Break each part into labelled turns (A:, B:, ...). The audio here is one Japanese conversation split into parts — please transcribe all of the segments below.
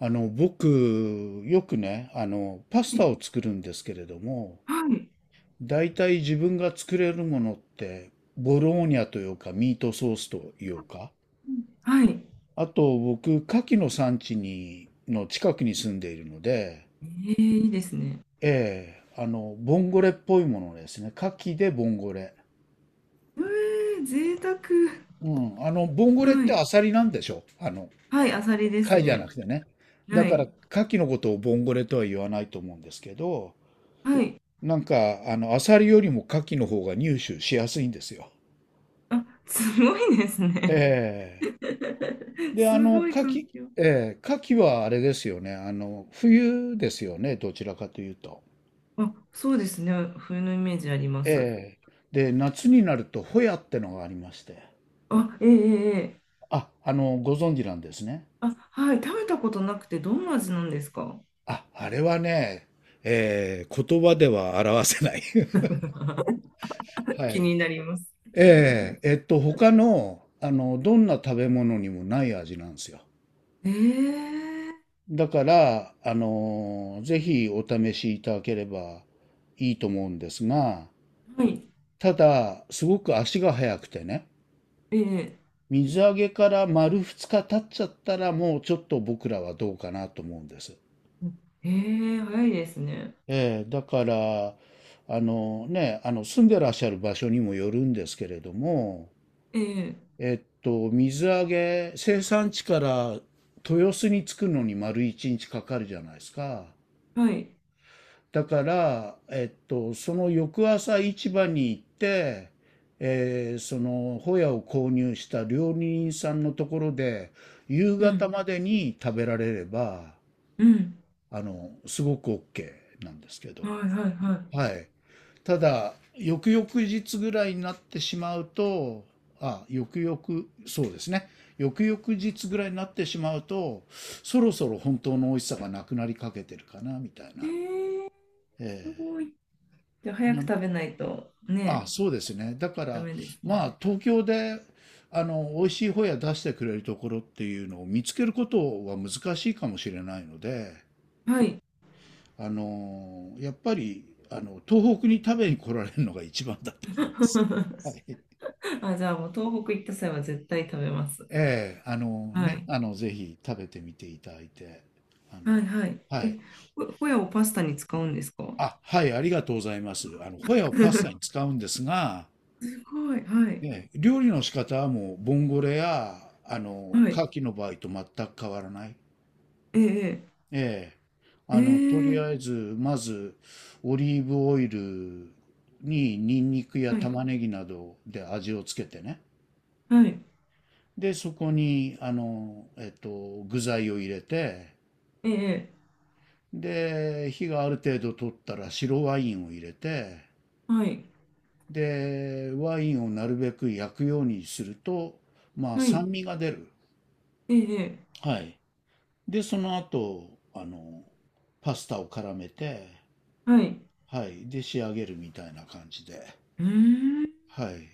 A: 僕、よくね、パス
B: は
A: タ
B: い。
A: を作るんですけれども、
B: はい。
A: 大体自分が作れるものって、ボローニャというか、ミートソースというか、
B: はい、
A: あと僕、牡蠣の産地に、の近くに住んでいるので、
B: え、えいいですね。
A: ええ、ボンゴレっぽいものですね。牡蠣でボンゴレ。
B: ええ、贅沢。
A: うん、ボンゴレっ
B: は
A: て
B: い。
A: アサリなんでしょ？
B: はい、あさりです
A: 貝じゃな
B: ね。
A: くてね。だ
B: は
A: から、
B: い。
A: 牡蠣のことをボンゴレとは言わないと思うんですけど、
B: はい。
A: なんか、アサリよりもカキの方が入手しやすいんですよ。
B: あ、すごいですね。
A: ええ で、
B: すごい環境。
A: カキはあれですよね。冬ですよね。どちらかというと。
B: あ、そうですね。冬のイメージあります。
A: で、夏になると、ホヤってのがありまして。
B: あ、ええええええ。
A: あ、ご存知なんですね。
B: あ、はい。食べたことなくて、どんな味なんですか？
A: あ、あれはね、言葉では表せない。は
B: 気
A: い。
B: になります。
A: 他の、どんな食べ物にもない味なんですよ。
B: え、え
A: だから、ぜひお試しいただければいいと思うんですが、
B: はい。
A: ただ、すごく足が速くてね、
B: ええ
A: 水揚げから丸2日経っちゃったら、もうちょっと僕らはどうかなと思うんです。
B: え、え、早いですね。
A: ええ、だから、あの住んでらっしゃる場所にもよるんですけれども、
B: ええ、
A: 水揚げ、生産地から豊洲に着くのに丸1日かかるじゃないですか。
B: はい。
A: だから、その翌朝市場に行って、そのホヤを購入した料理人さんのところで夕
B: う
A: 方
B: ん。
A: までに食べられれば
B: うん。
A: すごく OK なんですけど、
B: はいはいは
A: はい、ただ翌々日ぐらいになってしまうと、あ、そうですね、翌々日ぐらいになってしまうと、そろそろ本当の美味しさがなくなりかけてるかなみたい
B: い。え
A: な。
B: ー、す
A: ええ
B: ごい。じゃあ早く
A: な
B: 食べないとね、
A: そうですね。だか
B: ダ
A: ら、
B: メです
A: ま
B: ね。
A: あ、東京で、美味しいホヤ出してくれるところっていうのを見つけることは難しいかもしれないので、
B: はい。
A: やっぱり、東北に食べに来られるのが一番だと思います。はい。
B: あ、じゃあもう東北行った際は絶対食べます。
A: ええ、
B: はい。
A: ぜひ食べてみていただいて、あ
B: はい
A: の、
B: はい。
A: はい。
B: え、ホ、ホヤをパスタに使うんですか？
A: あ、はい、ありがとうございます。ホヤを パスタ
B: す
A: に使うんですが、
B: ごい。はい。
A: ね、料理の仕方はもうボンゴレや
B: は
A: 牡
B: い。
A: 蠣の場合と全く変わらない。
B: ええ
A: ええ、とり
B: え、え、
A: あえずまずオリーブオイルにニンニクや
B: はい。
A: 玉ねぎなどで味をつけてね。
B: はい。
A: で、そこに具材を入れて、
B: ええ、
A: で、火がある程度取ったら白ワインを入れて、
B: はい。
A: で、ワインをなるべく焼くようにすると、まあ
B: はい。
A: 酸味が出る。
B: ええ、
A: はい。で、その後、パスタを絡めて、
B: はい。
A: はい。で、仕上げるみたいな感じで。
B: うーん。
A: はい。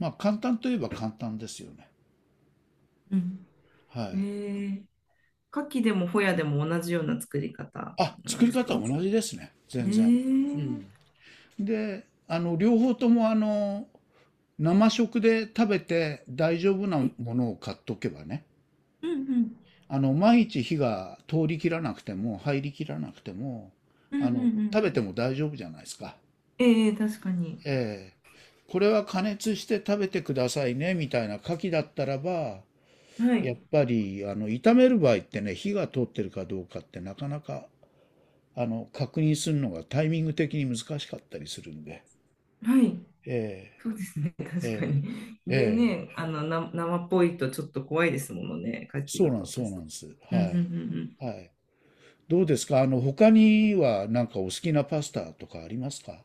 A: まあ、簡単といえば簡単ですよね。
B: うん、
A: はい。
B: え、え、牡蠣でもホヤでも同じような作り方
A: あ、
B: なん
A: 作
B: で
A: り
B: す
A: 方
B: か？
A: は同じですね。
B: え
A: 全然。う
B: ー、
A: ん。で、両方とも生食で食べて大丈夫な
B: え、
A: ものを買っとけばね。
B: うんうん。
A: 毎日火が通り切らなくても、入り切らなくても、
B: うんうんう
A: 食
B: ん。
A: べても大丈夫じゃないですか。
B: ええ、確かに。
A: えーこれは加熱して食べてくださいねみたいな牡蠣だったらば、
B: は
A: やっ
B: い。
A: ぱり炒める場合ってね、火が通ってるかどうかってなかなか確認するのがタイミング的に難しかったりするんで、
B: はい。
A: え
B: そうですね。
A: ー
B: 確かに。
A: えー
B: で
A: えー
B: ね、生っぽいとちょっと怖いですものね、牡蠣
A: そ
B: だ
A: うなんです、
B: と。
A: そうなんです。
B: うん
A: は
B: うんうんうん。
A: い。はい。どうですか？他にはなんかお好きなパスタとかありますか？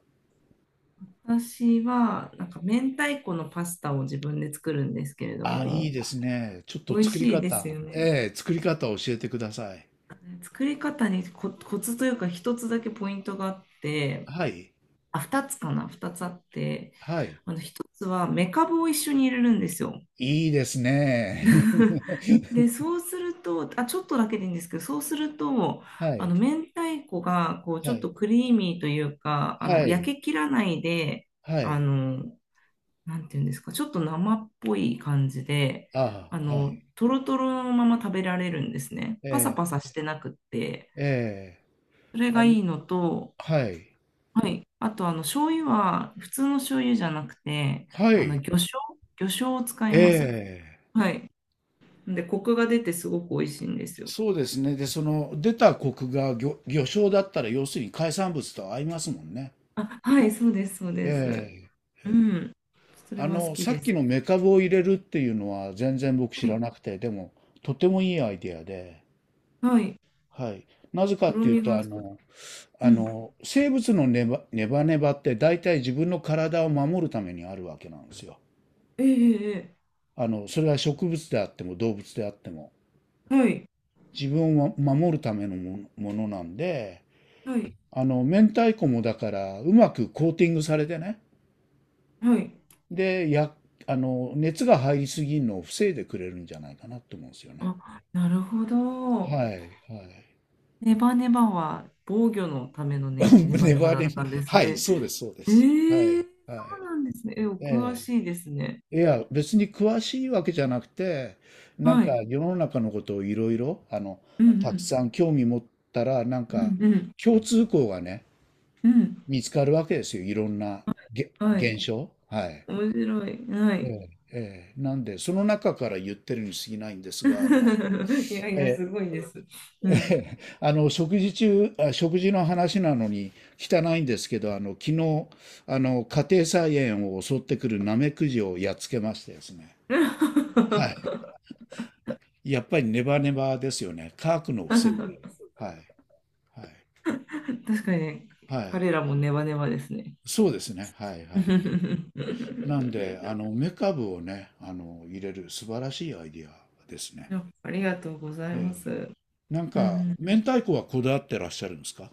B: 私は、明太子のパスタを自分で作るんですけれど
A: あ、いい
B: も、
A: ですね。ちょっ
B: 美
A: と
B: 味しいですよね。
A: 作り方を教えてください。
B: 作り方にコツというか、一つだけポイントがあって、
A: はい。
B: あ、二つかな、二つあって、
A: はい。
B: あの、一つは、めかぶを一緒に入れるんですよ。
A: いいですね。
B: で、そうすると、あ、ちょっとだけでいいんですけど、そうすると、
A: は
B: あ
A: い、
B: の、明太子が、こう、ち
A: は
B: ょっ
A: い、
B: とクリーミーというか、あの、
A: はい、
B: 焼けきらないで、
A: は
B: あ
A: い。
B: の、なんていうんですか、ちょっと生っぽい感じで、
A: あ
B: あ
A: あ、は
B: の、
A: い。
B: トロトロのまま食べられるんですね。パサ
A: え
B: パサしてなくって、
A: え、
B: それ
A: ーあ
B: が
A: の、
B: いいのと、
A: はい、
B: はい。あと、あの、醤油は、普通の醤油じゃなくて、
A: は
B: あ
A: い、
B: の、魚醤を使います。
A: ええ。
B: はい。で、コクが出てすごく美味しいんですよ。
A: そうですね。で、その出た国が魚礁だったら、要するに海産物と合いますもんね。
B: あ、はい、そう
A: え
B: です。
A: え、
B: う
A: え
B: ん。それは好き
A: さ
B: で
A: っき
B: す。
A: のメカブを入れるっていうのは全然僕知
B: は
A: ら
B: い、
A: なくて、でも、とてもいいアイデアで、
B: はい。
A: はい。なぜか
B: と
A: っ
B: ろ
A: ていう
B: み
A: と、
B: がつく。うん。
A: 生物のネバネバネバって大体自分の体を守るためにあるわけなんですよ。
B: ええええ
A: それは植物であっても動物であっても。
B: ええ、
A: 自分を守るためのものなんで、
B: はい、
A: 明太子もだからうまくコーティングされてね。
B: はい。
A: で、や、あの、熱が入りすぎるのを防いでくれるんじゃないかなと思うんですよね。
B: あ、なるほ
A: はい、
B: ど。
A: はい。
B: ネバネバは防御のための ね、ネバ
A: ネ
B: ネバ
A: バ
B: だ
A: ネ
B: っ
A: バ、
B: たんです
A: はい、
B: ね。
A: そうです、そうです。はい、
B: え、え、そ
A: はい。
B: うなんですね。え、お詳
A: え
B: しいですね。
A: え、いや、別に詳しいわけじゃなくて、なん
B: は
A: か
B: い。
A: 世の中のことをいろいろ、
B: うんう
A: たく
B: ん。
A: さん興味持ったら、なん
B: う
A: か
B: んうん。
A: 共通項がね、
B: うん。
A: 見つかるわけですよ。いろんな
B: はい。
A: 現象。はい。
B: 面白い。は
A: え
B: い。
A: え、ええ、なんで、その中から言ってるに過ぎないんですが、
B: いやい
A: え
B: や、す
A: え、
B: ごいです。う
A: え
B: ん。
A: 食事の話なのに汚いんですけど、昨日、家庭菜園を襲ってくるナメクジをやっつけましてですね。はい。やっぱりネバネバですよね。乾くのを防いでいる。はい。はい。
B: 確かにね、
A: はい。
B: 彼らもネバネバですね。
A: そうですね。はい。はい。なんで、梅かぶをね、入れる素晴らしいアイディアですね。
B: や、ありがとうございま
A: ええ。
B: す。
A: なん
B: うんう
A: か、
B: ん、
A: 明太子はこだわってらっしゃるんですか？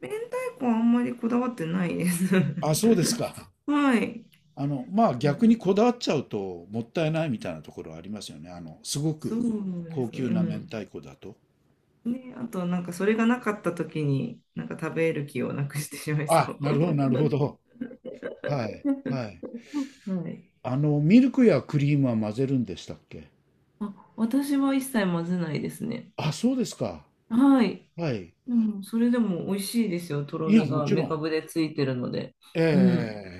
B: 明太子はあんまりこだわってないです。
A: あ、そうですか。
B: はい、
A: まあ
B: う
A: 逆
B: ん。
A: にこだわっちゃうともったいないみたいなところはありますよね。すご
B: そう
A: く
B: で
A: 高
B: すね。
A: 級
B: う
A: な明
B: ん。
A: 太子だと。
B: ね、あとなんかそれがなかった時になんか食べる気をなくしてしまいそ
A: あ、
B: う。
A: なるほど、なるほど。はい。はい。
B: はい。
A: ミルクやクリームは混ぜるんでしたっけ？
B: あ、私は一切混ぜないですね。
A: あ、そうですか。
B: はい。
A: はい。
B: でも、それでも美味しいですよ。とろ
A: いや、
B: み
A: も
B: が
A: ちろ
B: めか
A: ん。
B: ぶでついてるので。うん。
A: ええ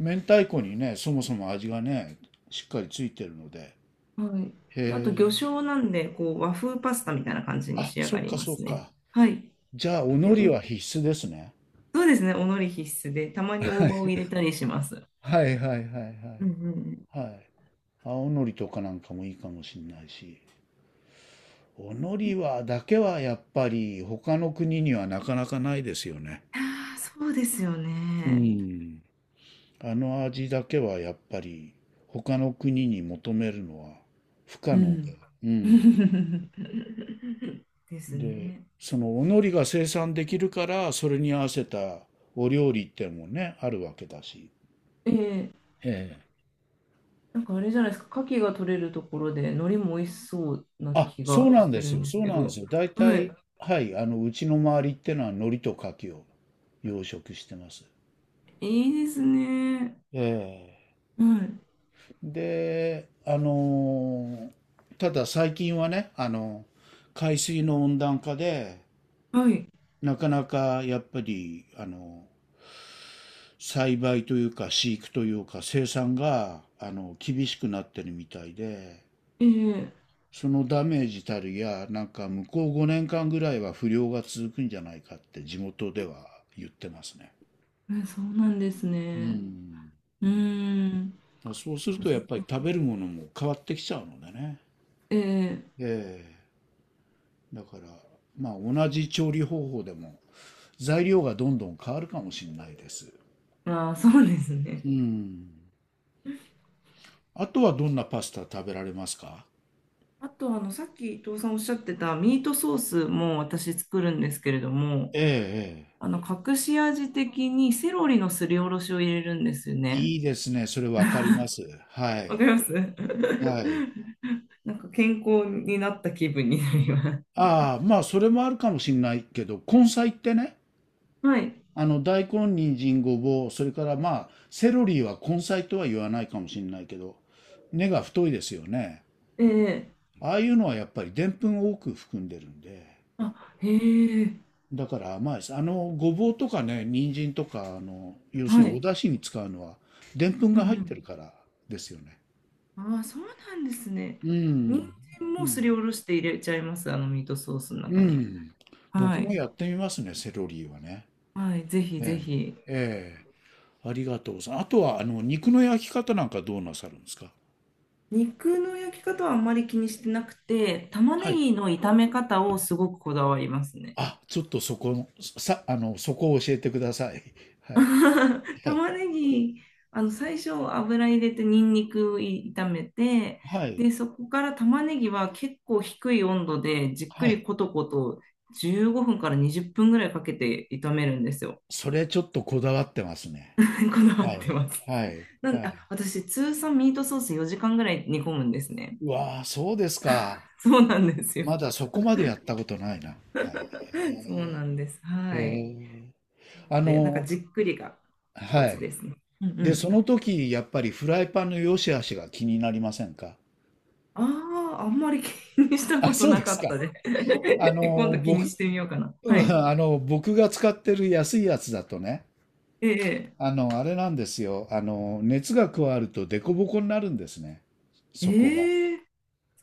A: 明太子にね、そもそも味がね、しっかりついてるので。
B: は
A: へ
B: い。あと、魚
A: え。
B: 醤なんで、こう、和風パスタみたいな感じに
A: あ、
B: 仕上
A: そ
B: が
A: っ
B: り
A: か
B: ま
A: そっ
B: すね。
A: か。
B: はい。
A: じゃあ、お海
B: で、
A: 苔
B: お、
A: は必須ですね。
B: そうですね、お海苔必須で、たまに大葉を入れたりします。
A: はい、はい、はい、は
B: うんうんう
A: い。
B: ん。
A: はい。青のりとかなんかもいいかもしれないし。お海苔は、だけはやっぱり他の国にはなかなかないですよね。
B: ああ、そうですよ
A: う
B: ね。
A: ん。あの味だけはやっぱり他の国に求めるのは不可
B: う
A: 能
B: ん。
A: で。うん。
B: です
A: で、
B: ね。
A: そのおのりが生産できるから、それに合わせたお料理っていうのもね、あるわけだし。
B: え、え
A: ええ。
B: なんかあれじゃないですか、牡蠣が取れるところで、海苔も美味しそうな
A: あ、
B: 気
A: そう
B: が
A: なん
B: し
A: で
B: てる
A: すよ。
B: んで
A: そ
B: す
A: う
B: け
A: なんで
B: ど。
A: すよ。大
B: は
A: 体、
B: い。
A: はい、うちの周りってのは海苔と牡蠣を養殖してます。
B: いいですね。
A: え
B: はい。
A: え。で、ただ最近はね、海水の温暖化で、
B: はい。
A: なかなかやっぱり栽培というか飼育というか生産が厳しくなってるみたいで、
B: ええ、
A: そのダメージたるや、なんか向こう5年間ぐらいは不良が続くんじゃないかって地元では言ってますね。
B: うん、そうなんです
A: う
B: ね。
A: ん、
B: うーん。
A: うん、そうする
B: そっ
A: と
B: かそ
A: や
B: っ
A: っぱり
B: か。
A: 食べるものも変わってきちゃうのでね。
B: え、え、
A: ええ、だから、まあ同じ調理方法でも材料がどんどん変わるかもしれないです。
B: ああ、そうです
A: う
B: ね。
A: ん、あとはどんなパスタ食べられますか？
B: あと、あの、さっき伊藤さんおっしゃってたミートソースも私作るんですけれども、
A: ええ、え
B: あの、隠し味的にセロリのすりおろしを入れるんですよ
A: え。
B: ね。
A: いいですね。それわかります。は
B: わか
A: い。
B: ります。
A: はい。
B: なんか健康になった気分になります。
A: ああ、まあ、それもあるかもしれないけど、根菜ってね、
B: はい。
A: 大根、人参、ごぼう、それからまあ、セロリは根菜とは言わないかもしれないけど、根が太いですよね。
B: え、え、
A: ああいうのはやっぱりでんぷんを多く含んでるんで、
B: あ、へえ。
A: だから甘いです。ごぼうとかね、人参とか、要する
B: は
A: にお
B: い。
A: 出汁に使うのは、でんぷん
B: う
A: が入って
B: ん
A: るからですよね。
B: うん。ああ、そうなんですね。
A: う
B: 人
A: ん、
B: 参
A: う
B: もす
A: ん、
B: りおろして入れちゃいます、あのミートソースの
A: う
B: 中に。
A: ん。
B: は
A: 僕も
B: い。
A: やってみますね、セロリはね。
B: はい、ぜひぜ
A: ええ、
B: ひ。
A: ええ、ありがとうさん。あとは、肉の焼き方なんかどうなさるんですか？
B: 肉の焼き方はあんまり気にしてなくて、玉
A: は
B: ね
A: い。
B: ぎの炒め方をすごくこだわりますね。
A: あ、ちょっとそこ、さ、あの、そこを教えてください。はい。はい。
B: 玉ねぎ、あの最初油入れてニンニク炒めて、
A: はい。
B: で、そこから玉ねぎは結構低い温度でじっく
A: は
B: り
A: い。
B: コトコト、15分から20分ぐらいかけて炒めるんですよ。
A: それちょっとこだわってます ね。
B: こだわ
A: は
B: って
A: い。
B: ます。
A: はい。
B: なん
A: は
B: で、
A: い。
B: あ、私通算ミートソース4時間ぐらい煮込むんですね。
A: うわあ、そうですか。
B: そうなんですよ。
A: まだそこまでやったことないな。はい。
B: そうなんです。
A: へえ。
B: はい。
A: へえ。
B: な
A: あ
B: ので、なんか
A: の、
B: じっくりがコ
A: は
B: ツ
A: い。
B: ですね。うんう
A: で、
B: ん。
A: その時、やっぱりフライパンの良し悪しが気になりませんか？
B: ああ、あんまり気にした
A: あ、
B: こと
A: そう
B: な
A: で
B: か
A: す
B: っ
A: か。
B: たで、ね。今度気にし
A: 僕、
B: てみようかな。
A: う
B: は
A: ん、
B: い。
A: 僕が使ってる安いやつだとね、
B: ええ
A: あれなんですよ。あの、熱が加わるとデコボコになるんですね。そこが。
B: ええ、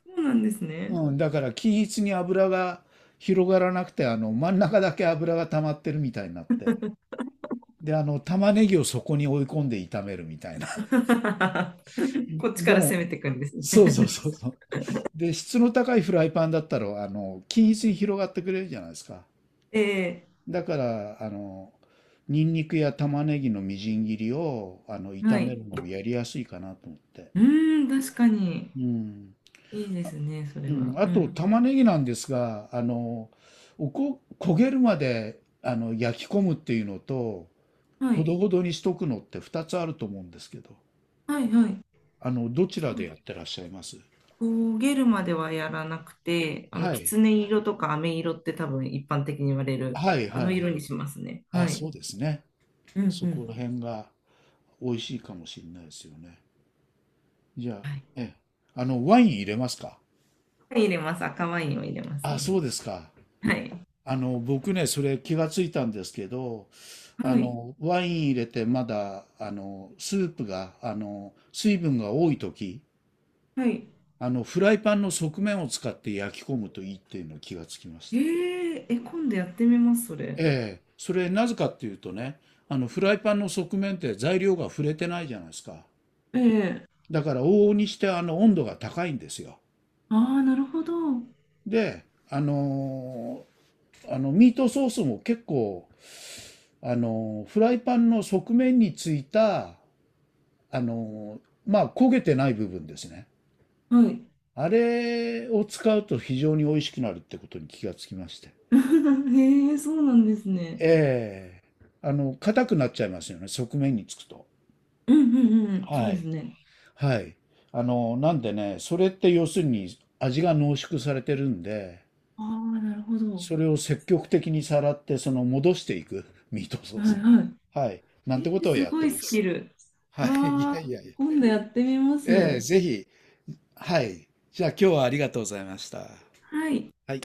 B: そうなんですね。
A: うん、だから均一に油が広がらなくて、真ん中だけ油が溜まってるみたいになって。で、玉ねぎをそこに追い込んで炒めるみたいな。
B: こ っちか
A: で
B: ら
A: も、
B: 攻めていくんです
A: そうそう
B: ね。
A: そうそう。で、質の高いフライパンだったら、均一に広がってくれるじゃないですか。
B: ええ、
A: だから、ニンニクや玉ねぎのみじん切りを、
B: は
A: 炒め
B: い。
A: るのもやりやすいかなと思って。
B: うーん、確かに。
A: うん。
B: いいで
A: あ、
B: すね、それ
A: うん、
B: は。
A: あ
B: う
A: と、
B: ん。
A: 玉ねぎなんですが、焦げるまで、焼き込むっていうのと、
B: は
A: ほ
B: い。
A: どほどにしとくのって2つあると思うんですけど、
B: はい、はい。
A: どちらでやってらっしゃいます？
B: 焦げるまではやらなくて、あの、
A: は
B: き
A: い。
B: つね色とか飴色って多分一般的に言われる、
A: はい、
B: あ
A: は
B: の
A: い。
B: 色にしますね。
A: あ、
B: はい。
A: そうですね。
B: うんう
A: そこ
B: ん。
A: ら辺が。美味しいかもしれないですよね。じゃあ、
B: はい。
A: ええ、ワイン入れますか？
B: 入れます。赤ワインを入れます
A: あ、
B: ね。
A: そうですか。
B: はい。
A: 僕ね、それ気がついたんですけど、
B: はい。
A: ワイン入れてまだ、スープが、水分が多い時、
B: はい。
A: フライパンの側面を使って焼き込むといいっていうの気がつきまし
B: え
A: た。
B: ー、え、今度やってみます、それ。
A: ええ、それなぜかっていうとね、フライパンの側面って材料が触れてないじゃないですか。
B: ええ、
A: だから往々にしてあの温度が高いんですよ。
B: ああー、なるほど。は
A: で、あのミートソースも結構、フライパンの側面についた、あのまあ焦げてない部分ですね。
B: い。
A: あれを使うと非常に美味しくなるってことに気がつきまして、
B: え、え、そうなんですね。
A: ええ、硬くなっちゃいますよね、側面につくと。
B: うんうんうん。そう
A: は
B: です
A: い。
B: ね。
A: はい。なんでね、それって要するに味が濃縮されてるんで、
B: ああ、なるほど。
A: それを積極的にさらって、その戻していく、ミートソー
B: は
A: ス
B: い
A: に。
B: は
A: はい、な
B: い。
A: んてこ
B: えー、
A: とを
B: す
A: やっ
B: ご
A: て
B: い
A: ま
B: スキ
A: す。
B: ル。
A: はい。い
B: あ
A: やい
B: あ、
A: やいや。
B: 今度やってみま
A: ええ、
B: す。
A: ぜひ。はい。じゃあ今日はありがとうございました。
B: はい。
A: はい。